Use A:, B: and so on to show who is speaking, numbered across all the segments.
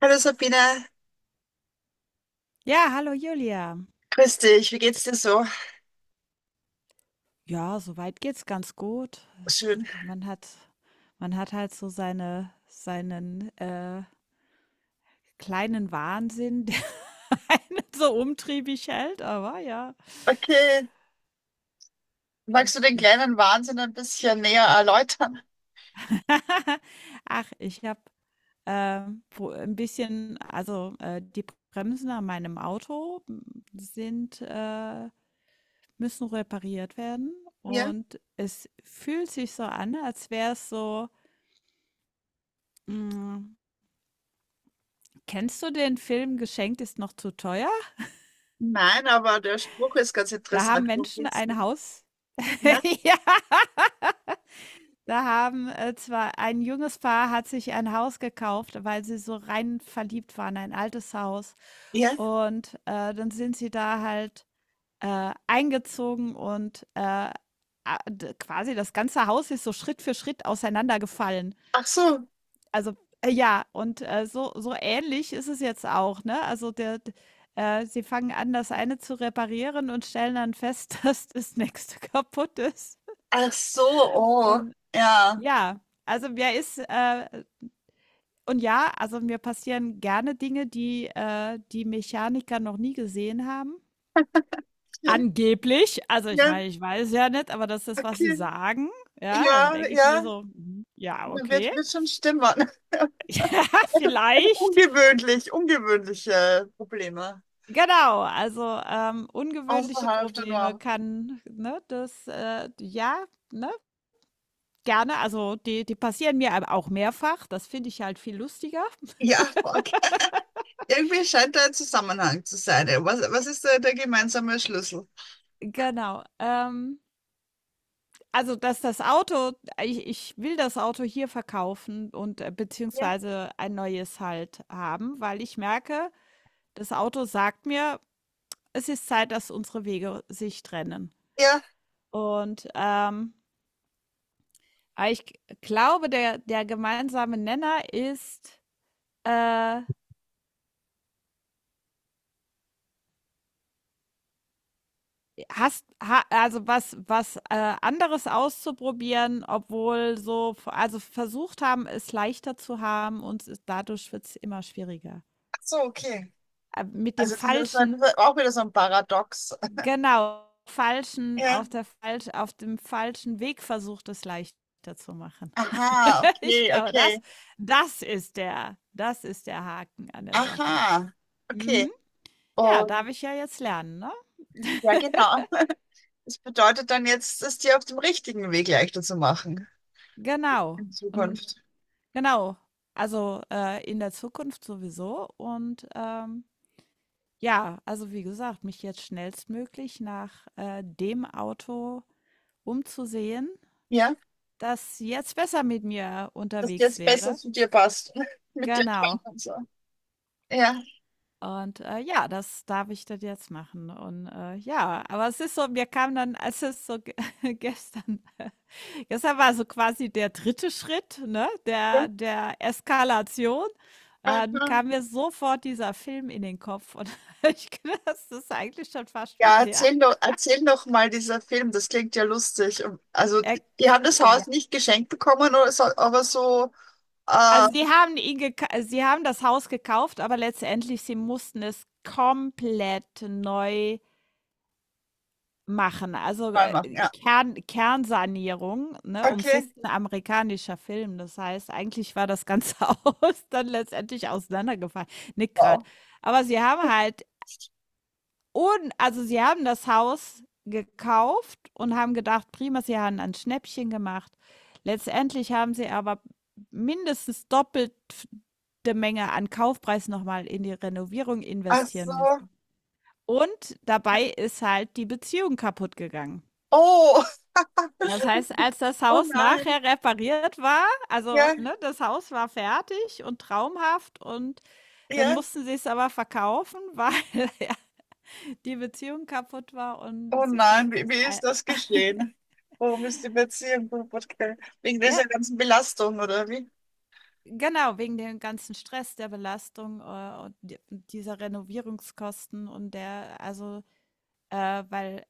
A: Hallo Sabine,
B: Ja, hallo Julia.
A: grüß dich, wie geht's dir so?
B: Ja, soweit geht's ganz gut.
A: Schön.
B: Man hat, man hat halt so seine, seinen kleinen Wahnsinn, der einen so umtriebig hält, aber ja,
A: Okay, magst du
B: das
A: den
B: ist.
A: kleinen Wahnsinn ein bisschen näher erläutern?
B: Ach, ich habe ein bisschen, die Bremsen an meinem Auto sind, müssen repariert werden
A: Ja?
B: und es fühlt sich so an, als wäre es so. mm, Kennst du den Film „Geschenkt ist noch zu teuer“?
A: Nein, aber der Spruch ist ganz
B: Da haben
A: interessant. Worum
B: Menschen
A: geht's
B: ein
A: denn?
B: Haus
A: Ja?
B: ja, zwar ein junges Paar hat sich ein Haus gekauft, weil sie so rein verliebt waren, ein altes Haus.
A: Ja?
B: Und, dann sind sie da halt, eingezogen und, a d quasi das ganze Haus ist so Schritt für Schritt auseinandergefallen.
A: Ach so,
B: Also, ja, und, so ähnlich ist es jetzt auch, ne? Also, der d sie fangen an, das eine zu reparieren und stellen dann fest, dass das nächste kaputt ist.
A: ach so, oh,
B: Und
A: ja.
B: ja, also, mir ist, äh und ja, also, mir passieren gerne Dinge, die Mechaniker noch nie gesehen haben.
A: Ja,
B: Angeblich. Also, ich
A: ja,
B: meine, ich weiß ja nicht, aber das ist, was sie
A: okay.
B: sagen. Ja, dann
A: Ja,
B: denke ich mir
A: ja,
B: so: „Mhm, ja,
A: da
B: okay,
A: wird, wird schon stimmen. Also
B: vielleicht.“
A: ungewöhnlich, ungewöhnliche Probleme
B: Genau, also, ungewöhnliche
A: außerhalb der
B: Probleme
A: Norm.
B: kann, ne, das, ja, ne, gerne. Also, die passieren mir aber auch mehrfach. Das finde ich halt viel lustiger.
A: Ja, okay. Irgendwie scheint da ein Zusammenhang zu sein. Was ist da der gemeinsame Schlüssel?
B: Genau, also, dass das Auto ich will das Auto hier verkaufen und,
A: Ja.
B: beziehungsweise ein neues halt haben, weil ich merke, das Auto sagt mir: „Es ist Zeit, dass unsere Wege sich trennen.“
A: Ja,
B: Und, aber ich g glaube, der gemeinsame Nenner ist Äh, hast ha also, anderes auszuprobieren, obwohl so also, versucht haben, es leichter zu haben und es dadurch wird es immer schwieriger.
A: ach so, okay.
B: Mit dem
A: Also dieses war
B: falschen
A: wieder- auch wieder so ein Paradox.
B: genau, falschen
A: Ja.
B: auf der falsch auf dem falschen Weg versucht, es leichter zu machen.
A: Aha,
B: Ich
A: okay,
B: glaube,
A: okay.
B: das ist der Haken an der Sache.
A: Aha, okay.
B: Mhm. Ja, darf
A: Und
B: ich ja jetzt lernen, ne?
A: ja, genau. Das bedeutet dann jetzt, es dir auf dem richtigen Weg leichter zu machen
B: Genau.
A: in
B: Und
A: Zukunft.
B: Genau. Also, in der Zukunft sowieso und, ja, also, wie gesagt, mich jetzt schnellstmöglich nach, dem Auto umzusehen,
A: Ja,
B: das jetzt besser mit mir
A: dass dir
B: unterwegs
A: jetzt besser
B: wäre.
A: zu dir passt. Mit dir kann
B: Genau.
A: und so. Ja.
B: Und, ja, das darf ich das jetzt machen und, ja, aber es ist so mir kam dann, als es so ge gestern Gestern war so quasi der dritte Schritt, ne,
A: Ja.
B: der Eskalation. Dann
A: Aha.
B: kam mir sofort dieser Film in den Kopf und ich glaube das ist eigentlich schon fast wie
A: Ja,
B: der.
A: erzähl doch mal dieser Film, das klingt ja lustig. Und- Also,
B: Er,
A: die haben das
B: ja.
A: Haus nicht geschenkt bekommen, oder so, aber so äh,
B: Also sie haben das Haus gekauft, aber letztendlich sie mussten es komplett neu machen. Also,
A: neu machen.
B: äh,
A: Ja.
B: Kern Kernsanierung, ne, und es
A: Okay.
B: ist ein amerikanischer Film. Das heißt, eigentlich war das ganze Haus dann letztendlich auseinandergefallen. Nick grad.
A: Wow.
B: Aber sie haben halt un also, sie haben das Haus gekauft und haben gedacht: „Prima“, sie haben ein Schnäppchen gemacht. Letztendlich haben sie aber mindestens doppelt f Menge an Kaufpreis nochmal in die Renovierung
A: Ach
B: investieren
A: so.
B: müssen. Und dabei ist halt die Beziehung kaputt gegangen.
A: Oh,
B: Das heißt, als das
A: oh
B: Haus
A: nein.
B: nachher repariert war also,
A: Ja,
B: ne, das Haus war fertig und traumhaft und dann
A: ja.
B: mussten sie es aber verkaufen, weil ja die Beziehung kaputt war und
A: Oh
B: sie
A: nein,
B: sich
A: wie,
B: das
A: wie
B: ei
A: ist das geschehen? Warum ist die Beziehung kaputt gegangen? Wegen
B: ja,
A: dieser ganzen Belastung, oder wie?
B: genau, wegen dem ganzen Stress, der Belastung, und d dieser Renovierungskosten und der also, weil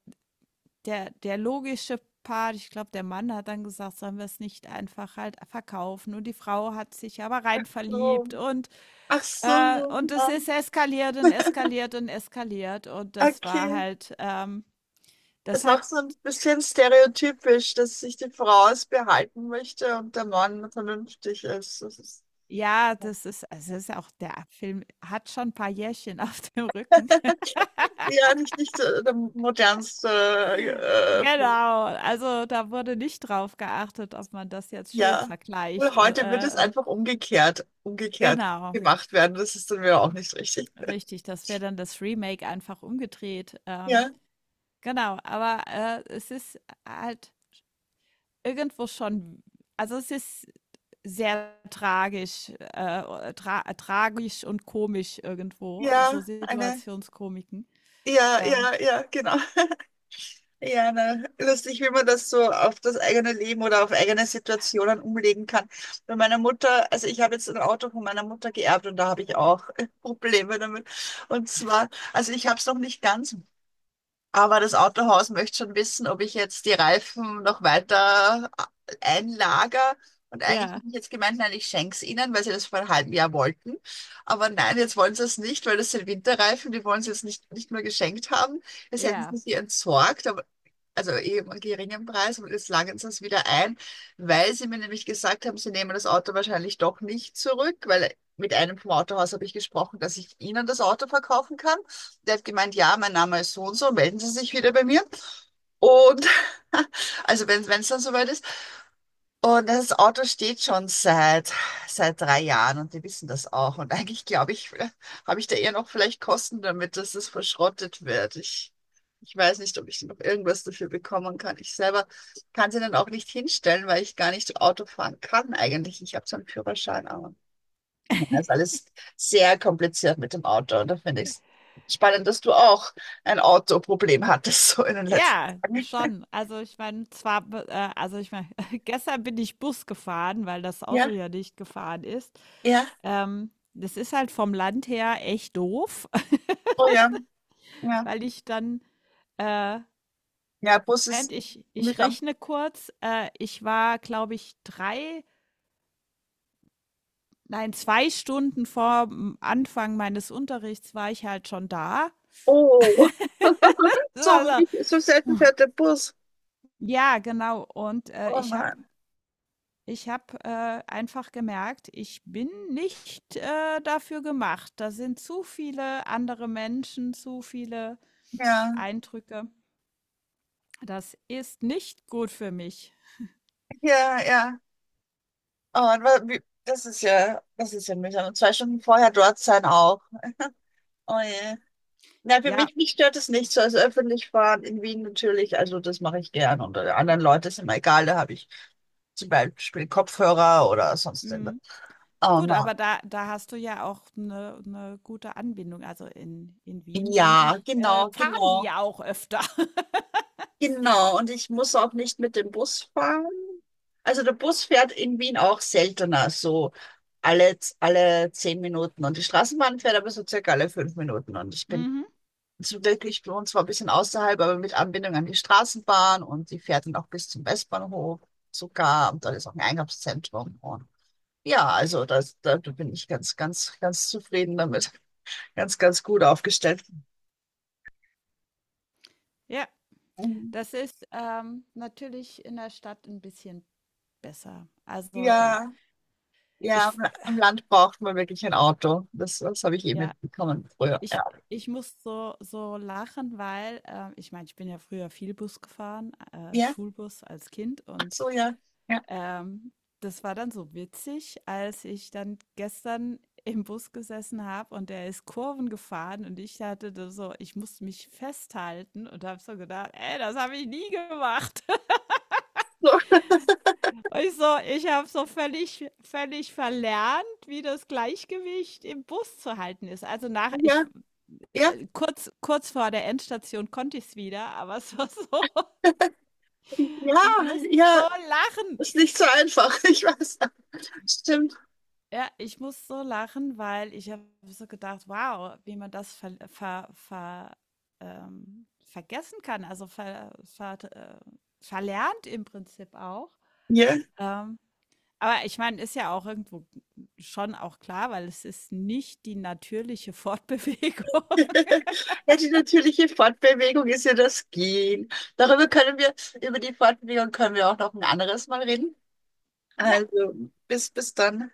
B: der logische Part ich glaube, der Mann hat dann gesagt: „Sollen wir es nicht einfach halt verkaufen?“ Und die Frau hat sich aber rein
A: So.
B: verliebt
A: Ach so.
B: Und es
A: Ja.
B: ist eskaliert und eskaliert und eskaliert. Und das war
A: Okay.
B: halt, das
A: Ist auch
B: hat,
A: so ein bisschen stereotypisch, dass sich die Frau es behalten möchte und der Mann vernünftig ist. Das ist
B: ja, das ist, also es ist auch, der Film hat schon ein paar Jährchen auf dem Rücken.
A: ja nicht, nicht so der modernste, äh,
B: Genau, also da wurde nicht drauf geachtet, ob man das jetzt schön
A: ja. Und
B: vergleicht. Und,
A: heute wird es einfach umgekehrt, umgekehrt
B: genau,
A: gemacht werden. Das ist dann wieder auch nicht richtig.
B: richtig, das wäre dann das Remake einfach umgedreht.
A: Ja,
B: Genau, aber es ist halt irgendwo schon, also es ist sehr tragisch und komisch irgendwo, so
A: ja, eine,
B: Situationskomiken.
A: ja,
B: Ähm,
A: ja, ja, genau. Ja, ne? Lustig, wie man das so auf das eigene Leben oder auf eigene Situationen umlegen kann. Bei meiner Mutter, also ich habe jetzt ein Auto von meiner Mutter geerbt und da habe ich auch Probleme damit. Und zwar, also ich habe es noch nicht ganz, aber das Autohaus möchte schon wissen, ob ich jetzt die Reifen noch weiter einlager. Und eigentlich
B: ja.
A: bin ich jetzt gemeint, nein, ich schenke es ihnen, weil sie das vor einem halben Jahr wollten. Aber nein, jetzt wollen sie es nicht, weil das sind Winterreifen, die wollen sie jetzt nicht, nicht mehr geschenkt haben. Das hätten sie
B: Ja.
A: sie entsorgt, aber also eben einen geringen Preis und jetzt langen sie es wieder ein, weil sie mir nämlich gesagt haben, sie nehmen das Auto wahrscheinlich doch nicht zurück, weil mit einem vom Autohaus habe ich gesprochen, dass ich ihnen das Auto verkaufen kann. Der hat gemeint, ja, mein Name ist so und so, melden Sie sich wieder bei mir. Und also wenn es dann soweit ist, und das Auto steht schon seit 3 Jahren und die wissen das auch. Und eigentlich glaube ich, habe ich da eher noch vielleicht Kosten damit, dass es verschrottet wird. Ich weiß nicht, ob ich noch irgendwas dafür bekommen kann. Ich selber kann sie dann auch nicht hinstellen, weil ich gar nicht Auto fahren kann eigentlich. Ich habe so einen Führerschein, aber ja, ist alles sehr kompliziert mit dem Auto. Und da finde ich es spannend, dass du auch ein Autoproblem hattest, so in den letzten
B: Ja,
A: Tagen.
B: schon. Also ich meine, also ich meine, gestern bin ich Bus gefahren, weil das Auto
A: Ja,
B: ja nicht gefahren ist.
A: ja,
B: Das ist halt vom Land her echt doof,
A: oh ja, ja.
B: weil ich dann, äh,
A: Ja, Bus
B: Moment,
A: ist.
B: ich,
A: Mit.
B: ich rechne kurz, ich war, glaube ich, drei Nein, 2 Stunden vorm Anfang meines Unterrichts war ich halt schon da.
A: Oh, so wenig, so selten fährt der Bus.
B: Ja, genau. Und, äh,
A: Oh
B: ich habe
A: Mann,
B: ich habe, einfach gemerkt, ich bin nicht, dafür gemacht. Da sind zu viele andere Menschen, zu viele
A: ja,
B: Eindrücke. Das ist nicht gut für mich.
A: ja, ja. Oh Mann, wa- wie- das ist ja mühsam. Und 2 Stunden vorher dort sein auch. Oh je. Na, für
B: Ja,
A: mich, mich stört es nicht so. Also öffentlich fahren in Wien natürlich, also das mache ich gern. Und
B: i
A: anderen Leuten ist immer egal, da habe ich zum Beispiel Kopfhörer oder sonst. Irgendwas.
B: mhm.
A: Oh
B: Gut,
A: Mann.
B: aber da hast du ja auch eine 'ne gute Anbindung. Also in Wien, denke
A: Ja,
B: ich,
A: genau,
B: fahren die
A: genau.
B: ja auch öfter.
A: Genau, und ich muss auch nicht mit dem Bus fahren. Also der Bus fährt in Wien auch seltener, so alle 10 Minuten. Und die Straßenbahn fährt aber so circa alle 5 Minuten. Und ich bin
B: Mhm.
A: so wirklich bei uns zwar ein bisschen außerhalb, aber mit Anbindung an die Straßenbahn und die fährt dann auch bis zum Westbahnhof sogar. Und da ist auch ein Einkaufszentrum. Und ja, also das, da bin ich ganz, ganz, ganz zufrieden damit. Ganz, ganz gut aufgestellt.
B: Ja, das ist, natürlich in der Stadt ein bisschen besser. Also, ja,
A: Ja. Ja,
B: ich
A: am
B: f
A: La- am Land braucht man wirklich ein Auto. Das habe ich eh
B: ja,
A: mitbekommen früher.
B: ich
A: Ja.
B: ich muss so lachen, weil ich meine, ich bin ja früher viel Bus gefahren,
A: Ja.
B: Schulbus als Kind
A: Ach
B: und,
A: so, ja. Ja.
B: ähm, das war dann so witzig, als ich dann gestern im Bus gesessen habe und der ist Kurven gefahren und ich hatte da so ich musste mich festhalten und habe so gedacht: „Ey, das habe ich nie gemacht.“
A: So,
B: Ich habe so völlig verlernt, wie das Gleichgewicht im Bus zu halten ist. Also, nach ich
A: ja, ja,
B: kurz vor der Endstation konnte ich es wieder, aber es war so
A: ja,
B: ich muss so
A: ja.
B: lachen.
A: Ist nicht so einfach, ich weiß. Stimmt.
B: Ja, ich muss so lachen, weil ich habe so gedacht: „Wow, wie man das vergessen kann.“ Also, verlernt im Prinzip auch,
A: Ja.
B: ähm, aber ich meine, ist ja auch irgendwo schon auch klar, weil es ist nicht die natürliche Fortbewegung.
A: Ja, die natürliche Fortbewegung ist ja das Gehen. Darüber können wir, über die Fortbewegung können wir auch noch ein anderes Mal reden.
B: Ja,
A: Also, bis dann.